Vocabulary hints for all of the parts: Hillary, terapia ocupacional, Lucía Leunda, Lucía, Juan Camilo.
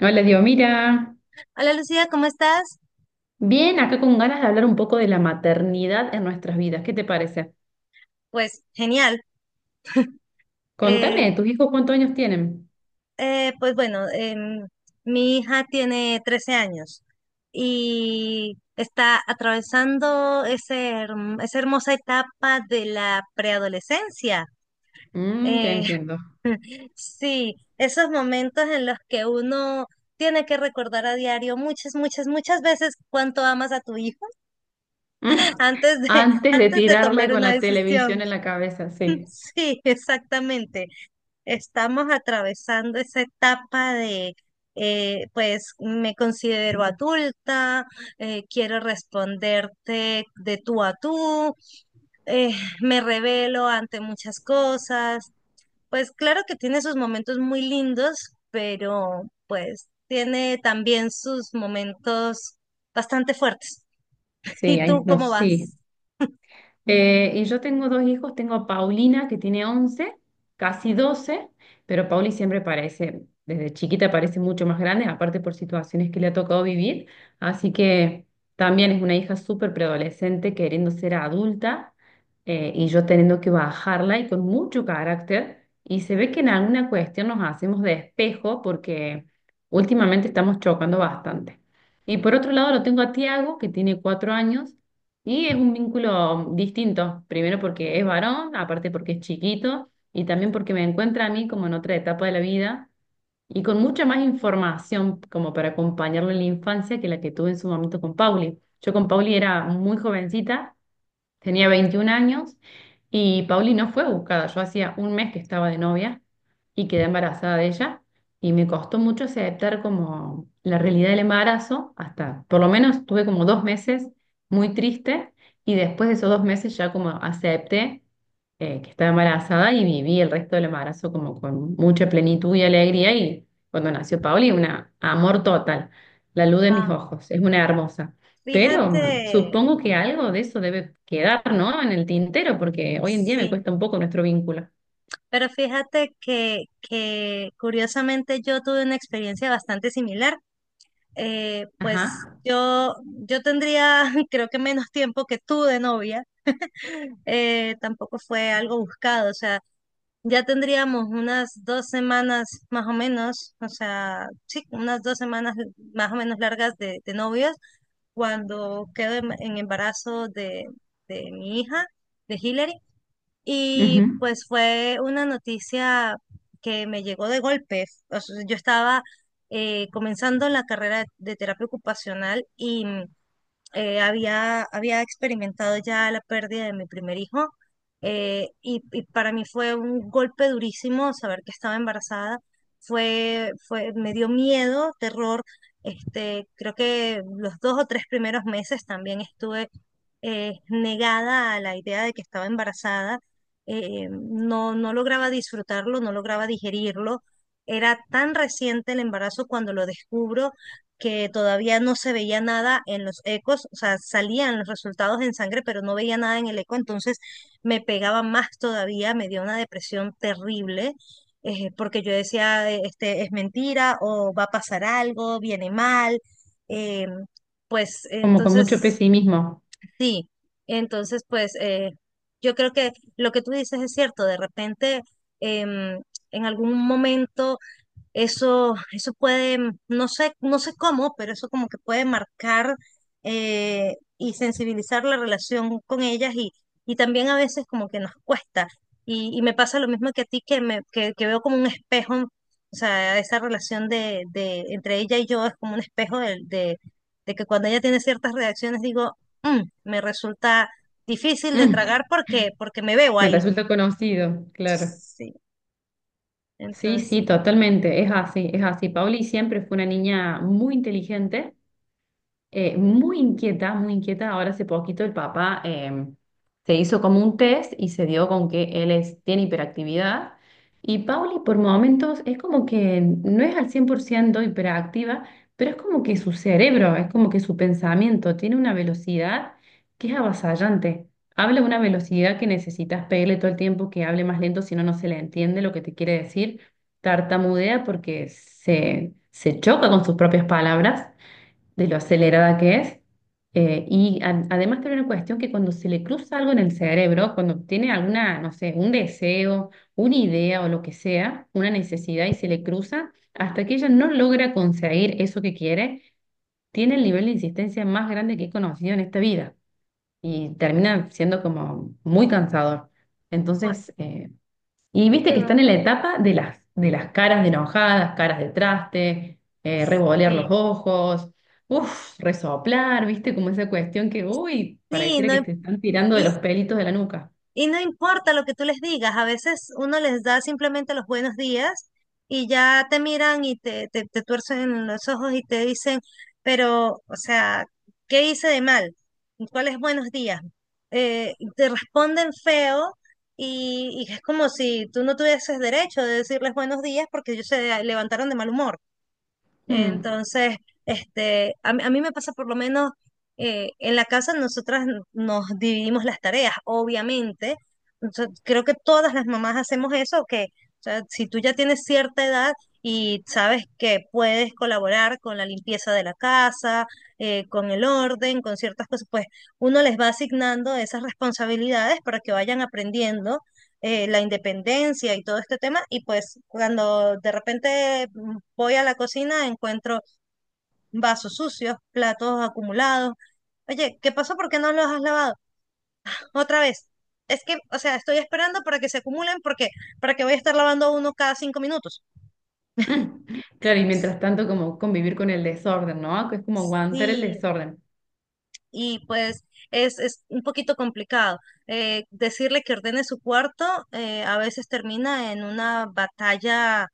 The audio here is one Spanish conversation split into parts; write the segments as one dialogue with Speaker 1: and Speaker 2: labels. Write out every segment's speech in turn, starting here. Speaker 1: Hola, digo, mira,
Speaker 2: Hola Lucía, ¿cómo estás?
Speaker 1: bien, acá con ganas de hablar un poco de la maternidad en nuestras vidas. ¿Qué te parece?
Speaker 2: Pues genial. Eh,
Speaker 1: Contame, ¿tus hijos cuántos años tienen?
Speaker 2: pues bueno, mi hija tiene 13 años y está atravesando ese, esa hermosa etapa de la preadolescencia.
Speaker 1: Mm, te
Speaker 2: Eh,
Speaker 1: entiendo.
Speaker 2: sí, esos momentos en los que uno tiene que recordar a diario muchas, muchas, muchas veces cuánto amas a tu hijo
Speaker 1: Mm.
Speaker 2: antes de,
Speaker 1: Antes de
Speaker 2: antes de
Speaker 1: tirarle
Speaker 2: tomar
Speaker 1: con
Speaker 2: una
Speaker 1: la
Speaker 2: decisión.
Speaker 1: televisión en la cabeza, sí.
Speaker 2: Sí, exactamente. Estamos atravesando esa etapa de, pues me considero adulta, quiero responderte de tú a tú, eh, me revelo ante muchas cosas. Pues claro que tiene sus momentos muy lindos, pero pues tiene también sus momentos bastante fuertes. ¿Y
Speaker 1: Sí,
Speaker 2: tú
Speaker 1: no,
Speaker 2: cómo
Speaker 1: sí.
Speaker 2: vas?
Speaker 1: Y yo tengo dos hijos, tengo a Paulina que tiene 11 casi doce, pero Pauli siempre parece, desde chiquita parece mucho más grande, aparte por situaciones que le ha tocado vivir, así que también es una hija súper preadolescente queriendo ser adulta, y yo teniendo que bajarla y con mucho carácter, y se ve que en alguna cuestión nos hacemos de espejo porque últimamente estamos chocando bastante. Y por otro lado lo tengo a Tiago, que tiene cuatro años, y es un vínculo distinto, primero porque es varón, aparte porque es chiquito y también porque me encuentra a mí como en otra etapa de la vida y con mucha más información como para acompañarlo en la infancia que la que tuve en su momento con Pauli. Yo con Pauli era muy jovencita. Tenía 21 años y Pauli no fue buscada. Yo hacía un mes que estaba de novia y quedé embarazada de ella, y me costó mucho aceptar como la realidad del embarazo hasta, por lo menos tuve como dos meses muy triste, y después de esos dos meses ya como acepté, que estaba embarazada, y viví el resto del embarazo como con mucha plenitud y alegría, y cuando nació Pauli, un amor total, la luz de mis
Speaker 2: Ah,
Speaker 1: ojos, es una hermosa.
Speaker 2: fíjate,
Speaker 1: Pero supongo que algo de eso debe quedar, ¿no? En el tintero, porque hoy en día me
Speaker 2: sí.
Speaker 1: cuesta un poco nuestro vínculo.
Speaker 2: Pero fíjate que curiosamente yo tuve una experiencia bastante similar. Pues
Speaker 1: Ajá.
Speaker 2: yo tendría creo que menos tiempo que tú de novia. Tampoco fue algo buscado. O sea, ya tendríamos unas 2 semanas más o menos. O sea, sí, unas 2 semanas más o menos largas de novios cuando quedo en embarazo de mi hija, de Hillary. Y
Speaker 1: Ujú.
Speaker 2: pues fue una noticia que me llegó de golpe. O sea, yo estaba comenzando la carrera de terapia ocupacional y había experimentado ya la pérdida de mi primer hijo. Y para mí fue un golpe durísimo saber que estaba embarazada. Me dio miedo, terror. Este, creo que los 2 o 3 primeros meses también estuve negada a la idea de que estaba embarazada, no lograba disfrutarlo, no lograba digerirlo. Era tan reciente el embarazo cuando lo descubro que todavía no se veía nada en los ecos, o sea, salían los resultados en sangre, pero no veía nada en el eco, entonces me pegaba más todavía, me dio una depresión terrible, porque yo decía, este, es mentira, o va a pasar algo, viene mal, em, pues
Speaker 1: Como con mucho
Speaker 2: entonces.
Speaker 1: pesimismo.
Speaker 2: Sí, entonces pues yo creo que lo que tú dices es cierto, de repente em, en algún momento eso puede, no sé, no sé cómo, pero eso como que puede marcar y sensibilizar la relación con ellas y también a veces como que nos cuesta. Y me pasa lo mismo que a ti, que veo como un espejo, o sea, esa relación de, entre ella y yo es como un espejo de que cuando ella tiene ciertas reacciones digo, "Mm, me resulta difícil de
Speaker 1: Mm.
Speaker 2: tragar porque, porque me veo
Speaker 1: Me
Speaker 2: ahí".
Speaker 1: resulta conocido, claro.
Speaker 2: Sí,
Speaker 1: Sí, sí,
Speaker 2: entonces,
Speaker 1: totalmente. Es así, es así. Pauli siempre fue una niña muy inteligente, muy inquieta, muy inquieta. Ahora hace poquito el papá, se hizo como un test y se dio con que él es, tiene hiperactividad. Y Pauli por momentos es como que no es al 100% hiperactiva, pero es como que su cerebro, es como que su pensamiento tiene una velocidad que es avasallante. Habla a una velocidad que necesitas pedirle todo el tiempo que hable más lento, si no, no se le entiende lo que te quiere decir. Tartamudea porque se choca con sus propias palabras de lo acelerada que es. Además tiene una cuestión que cuando se le cruza algo en el cerebro, cuando tiene alguna, no sé, un deseo, una idea o lo que sea, una necesidad y se le cruza, hasta que ella no logra conseguir eso que quiere, tiene el nivel de insistencia más grande que he conocido en esta vida, y termina siendo como muy cansador.
Speaker 2: bueno,
Speaker 1: Entonces, eh, y viste que están
Speaker 2: yo-
Speaker 1: en la etapa de de las caras de enojadas, caras de traste, revolear los
Speaker 2: sí.
Speaker 1: ojos, uff, resoplar, viste, como esa cuestión que, uy,
Speaker 2: Sí,
Speaker 1: pareciera
Speaker 2: no,
Speaker 1: que te están tirando de los
Speaker 2: y,
Speaker 1: pelitos de la nuca.
Speaker 2: Y no importa lo que tú les digas, a veces uno les da simplemente los buenos días y ya te miran y te tuercen los ojos y te dicen, pero, o sea, ¿qué hice de mal? ¿Cuáles buenos días? Te responden feo y es como si tú no tuvieses derecho de decirles buenos días porque ellos se levantaron de mal humor.
Speaker 1: Mm.
Speaker 2: Entonces, este, a mí me pasa por lo menos en la casa, nosotras nos dividimos las tareas, obviamente. O sea, creo que todas las mamás hacemos eso, que o sea, si tú ya tienes cierta edad y sabes que puedes colaborar con la limpieza de la casa, con el orden, con ciertas cosas, pues uno les va asignando esas responsabilidades para que vayan aprendiendo la independencia y todo este tema. Y pues cuando de repente voy a la cocina, encuentro vasos sucios, platos acumulados. Oye, ¿qué pasó? ¿Por qué no los has lavado? Otra vez. Es que, o sea, estoy esperando para que se acumulen porque para que voy a estar lavando uno cada 5 minutos.
Speaker 1: mm. Claro, y mientras tanto como convivir con el desorden, ¿no? Que es como aguantar el
Speaker 2: Sí,
Speaker 1: desorden.
Speaker 2: y pues es un poquito complicado. Decirle que ordene su cuarto a veces termina en una batalla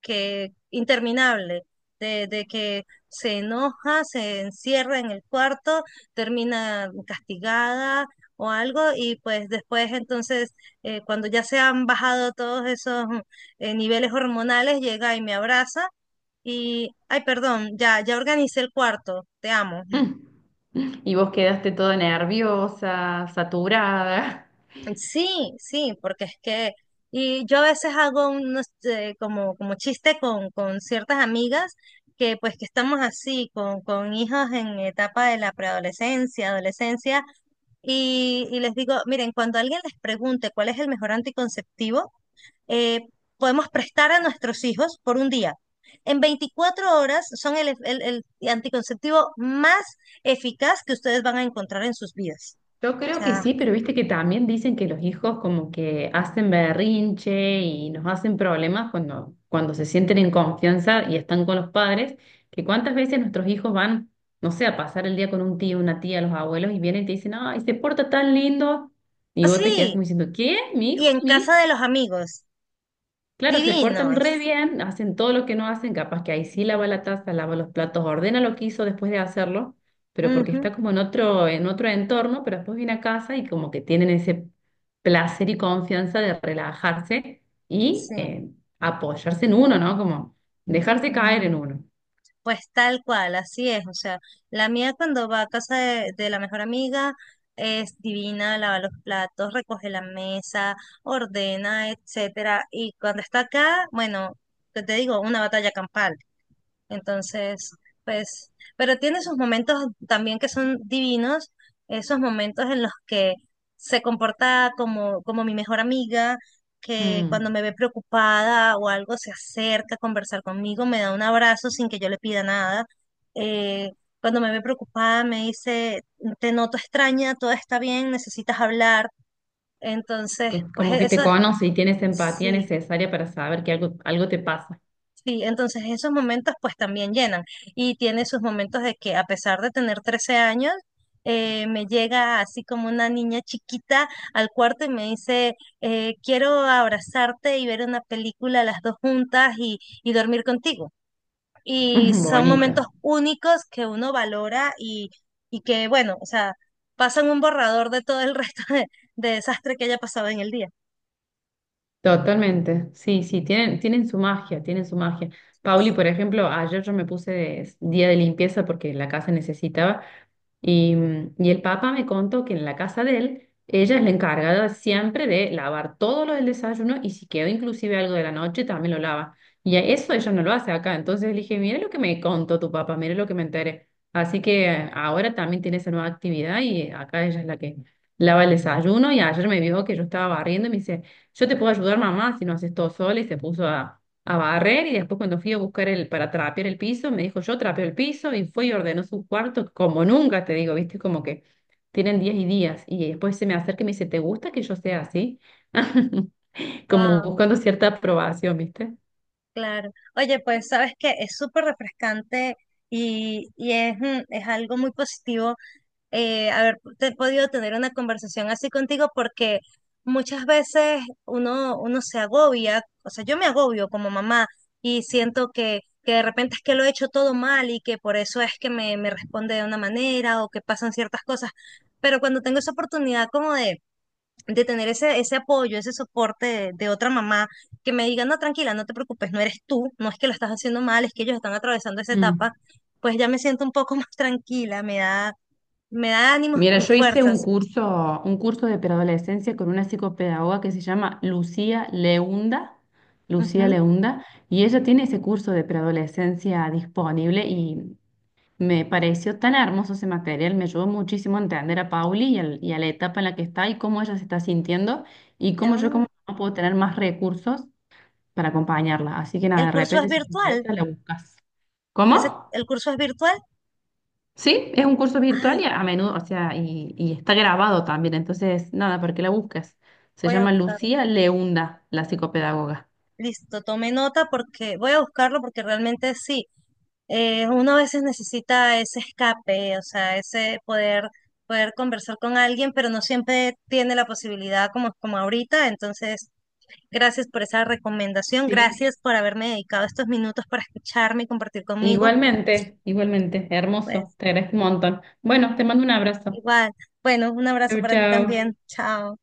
Speaker 2: que interminable, de que se enoja, se encierra en el cuarto, termina castigada o algo, y pues después entonces, cuando ya se han bajado todos esos niveles hormonales, llega y me abraza y, ay, perdón, ya organicé el cuarto, te amo.
Speaker 1: Mm. Y vos quedaste toda nerviosa, saturada.
Speaker 2: Sí, sí, porque es que, y yo a veces hago unos, como chiste con ciertas amigas que pues que estamos así, con hijos en etapa de la preadolescencia, adolescencia, y les digo, miren, cuando alguien les pregunte cuál es el mejor anticonceptivo, eh, podemos prestar a nuestros hijos por un día. En 24 horas son el anticonceptivo más eficaz que ustedes van a encontrar en sus vidas.
Speaker 1: Yo
Speaker 2: O
Speaker 1: creo que
Speaker 2: sea,
Speaker 1: sí, pero viste que también dicen que los hijos como que hacen berrinche y nos hacen problemas cuando, cuando se sienten en confianza y están con los padres, que cuántas veces nuestros hijos van, no sé, a pasar el día con un tío, una tía, los abuelos y vienen y te dicen, ay, se porta tan lindo, y vos te quedás
Speaker 2: así.
Speaker 1: como diciendo, ¿qué? ¿Mi
Speaker 2: Y
Speaker 1: hijo?
Speaker 2: en
Speaker 1: ¿Mi hija?
Speaker 2: casa de los amigos,
Speaker 1: Claro, se portan re
Speaker 2: divinos.
Speaker 1: bien, hacen todo lo que no hacen, capaz que ahí sí lava la taza, lava los platos, ordena lo que hizo después de hacerlo, pero porque
Speaker 2: Ujú,
Speaker 1: está como en otro entorno, pero después viene a casa y como que tienen ese placer y confianza de relajarse y,
Speaker 2: sí,
Speaker 1: apoyarse en uno, ¿no? Como dejarse caer en uno.
Speaker 2: pues tal cual, así es. O sea, la mía cuando va a casa de la mejor amiga es divina, lava los platos, recoge la mesa, ordena, etcétera. Y cuando está acá, bueno, ¿qué te digo? Una batalla campal. Entonces, pues, pero tiene sus momentos también que son divinos, esos momentos en los que se comporta como, como mi mejor amiga, que cuando
Speaker 1: Mm,
Speaker 2: me ve preocupada o algo se acerca a conversar conmigo, me da un abrazo sin que yo le pida nada. Eh, Cuando me ve preocupada me dice, te noto extraña, todo está bien, necesitas hablar. Entonces, pues
Speaker 1: como que te
Speaker 2: eso,
Speaker 1: conoce y tienes empatía
Speaker 2: sí.
Speaker 1: necesaria para saber que algo, algo te pasa.
Speaker 2: Sí, entonces esos momentos pues también llenan y tiene sus momentos de que a pesar de tener 13 años, me llega así como una niña chiquita al cuarto y me dice, quiero abrazarte y ver una película las dos juntas y dormir contigo. Y son
Speaker 1: Bonita.
Speaker 2: momentos únicos que uno valora y que, bueno, o sea, pasan un borrador de todo el resto de desastre que haya pasado en el día.
Speaker 1: Totalmente, sí, sí, tienen, tienen su magia, tienen su magia. Pauli,
Speaker 2: Sí.
Speaker 1: por ejemplo, ayer yo me puse día de limpieza porque la casa necesitaba, y, mm, y el papá me contó que en la casa de él, ella es la encargada siempre de lavar todo lo del desayuno, y si quedó inclusive algo de la noche, también lo lava. Y a eso ella no lo hace acá. Entonces le dije, mire lo que me contó tu papá, mire lo que me enteré. Así que ahora también tiene esa nueva actividad y acá ella es la que lava el desayuno. Y ayer me vio que yo estaba barriendo y me dice, yo te puedo ayudar mamá si no haces todo sola, y se puso a barrer, y después cuando fui a buscar el, para trapear el piso, me dijo, yo trapeo el piso, y fue y ordenó su cuarto como nunca, te digo, viste, como que tienen días y días. Y después se me acerca y me dice, ¿te gusta que yo sea así? Como
Speaker 2: Wow.
Speaker 1: buscando cierta aprobación, viste.
Speaker 2: Claro. Oye, pues sabes que es súper refrescante y es, es algo muy positivo podido tener una conversación así contigo porque muchas veces uno se agobia, o sea, yo me agobio como mamá y siento que de repente es que lo he hecho todo mal y que por eso es que me responde de una manera o que pasan ciertas cosas. Pero cuando tengo esa oportunidad como de tener ese apoyo, ese soporte de otra mamá que me diga, no, tranquila, no te preocupes, no eres tú, no es que lo estás haciendo mal, es que ellos están atravesando esa
Speaker 1: Mm.
Speaker 2: etapa, pues ya me siento un poco más tranquila, me da ánimos
Speaker 1: Mira,
Speaker 2: y
Speaker 1: yo hice
Speaker 2: fuerzas.
Speaker 1: un curso de preadolescencia con una psicopedagoga que se llama Lucía Leunda, Lucía
Speaker 2: Ujú.
Speaker 1: Leunda, y ella tiene ese curso de preadolescencia disponible, y me pareció tan hermoso ese material, me ayudó muchísimo a entender a Pauli y, y a la etapa en la que está y cómo ella se está sintiendo, y cómo yo como
Speaker 2: Ah,
Speaker 1: mamá puedo tener más recursos para acompañarla. Así que nada,
Speaker 2: el
Speaker 1: de
Speaker 2: curso es
Speaker 1: repente si te
Speaker 2: virtual,
Speaker 1: interesa, la buscas. ¿Cómo?
Speaker 2: el curso es virtual.
Speaker 1: Sí, es un curso virtual y
Speaker 2: Ay,
Speaker 1: a menudo, o sea, y está grabado también, entonces nada, para que la busques. Se
Speaker 2: voy a
Speaker 1: llama
Speaker 2: buscarlo.
Speaker 1: Lucía Leunda, la psicopedagoga.
Speaker 2: Listo, tome nota porque voy a buscarlo porque realmente sí, uno a veces necesita ese escape, o sea, ese poder, conversar con alguien, pero no siempre tiene la posibilidad como, como ahorita. Entonces, gracias por esa recomendación,
Speaker 1: Sí.
Speaker 2: gracias por haberme dedicado estos minutos para escucharme y compartir conmigo.
Speaker 1: Igualmente, igualmente, hermoso,
Speaker 2: Pues
Speaker 1: te agradezco un montón. Bueno, te mando un abrazo.
Speaker 2: igual, bueno, un abrazo
Speaker 1: Chau,
Speaker 2: para ti
Speaker 1: chau.
Speaker 2: también. Chao.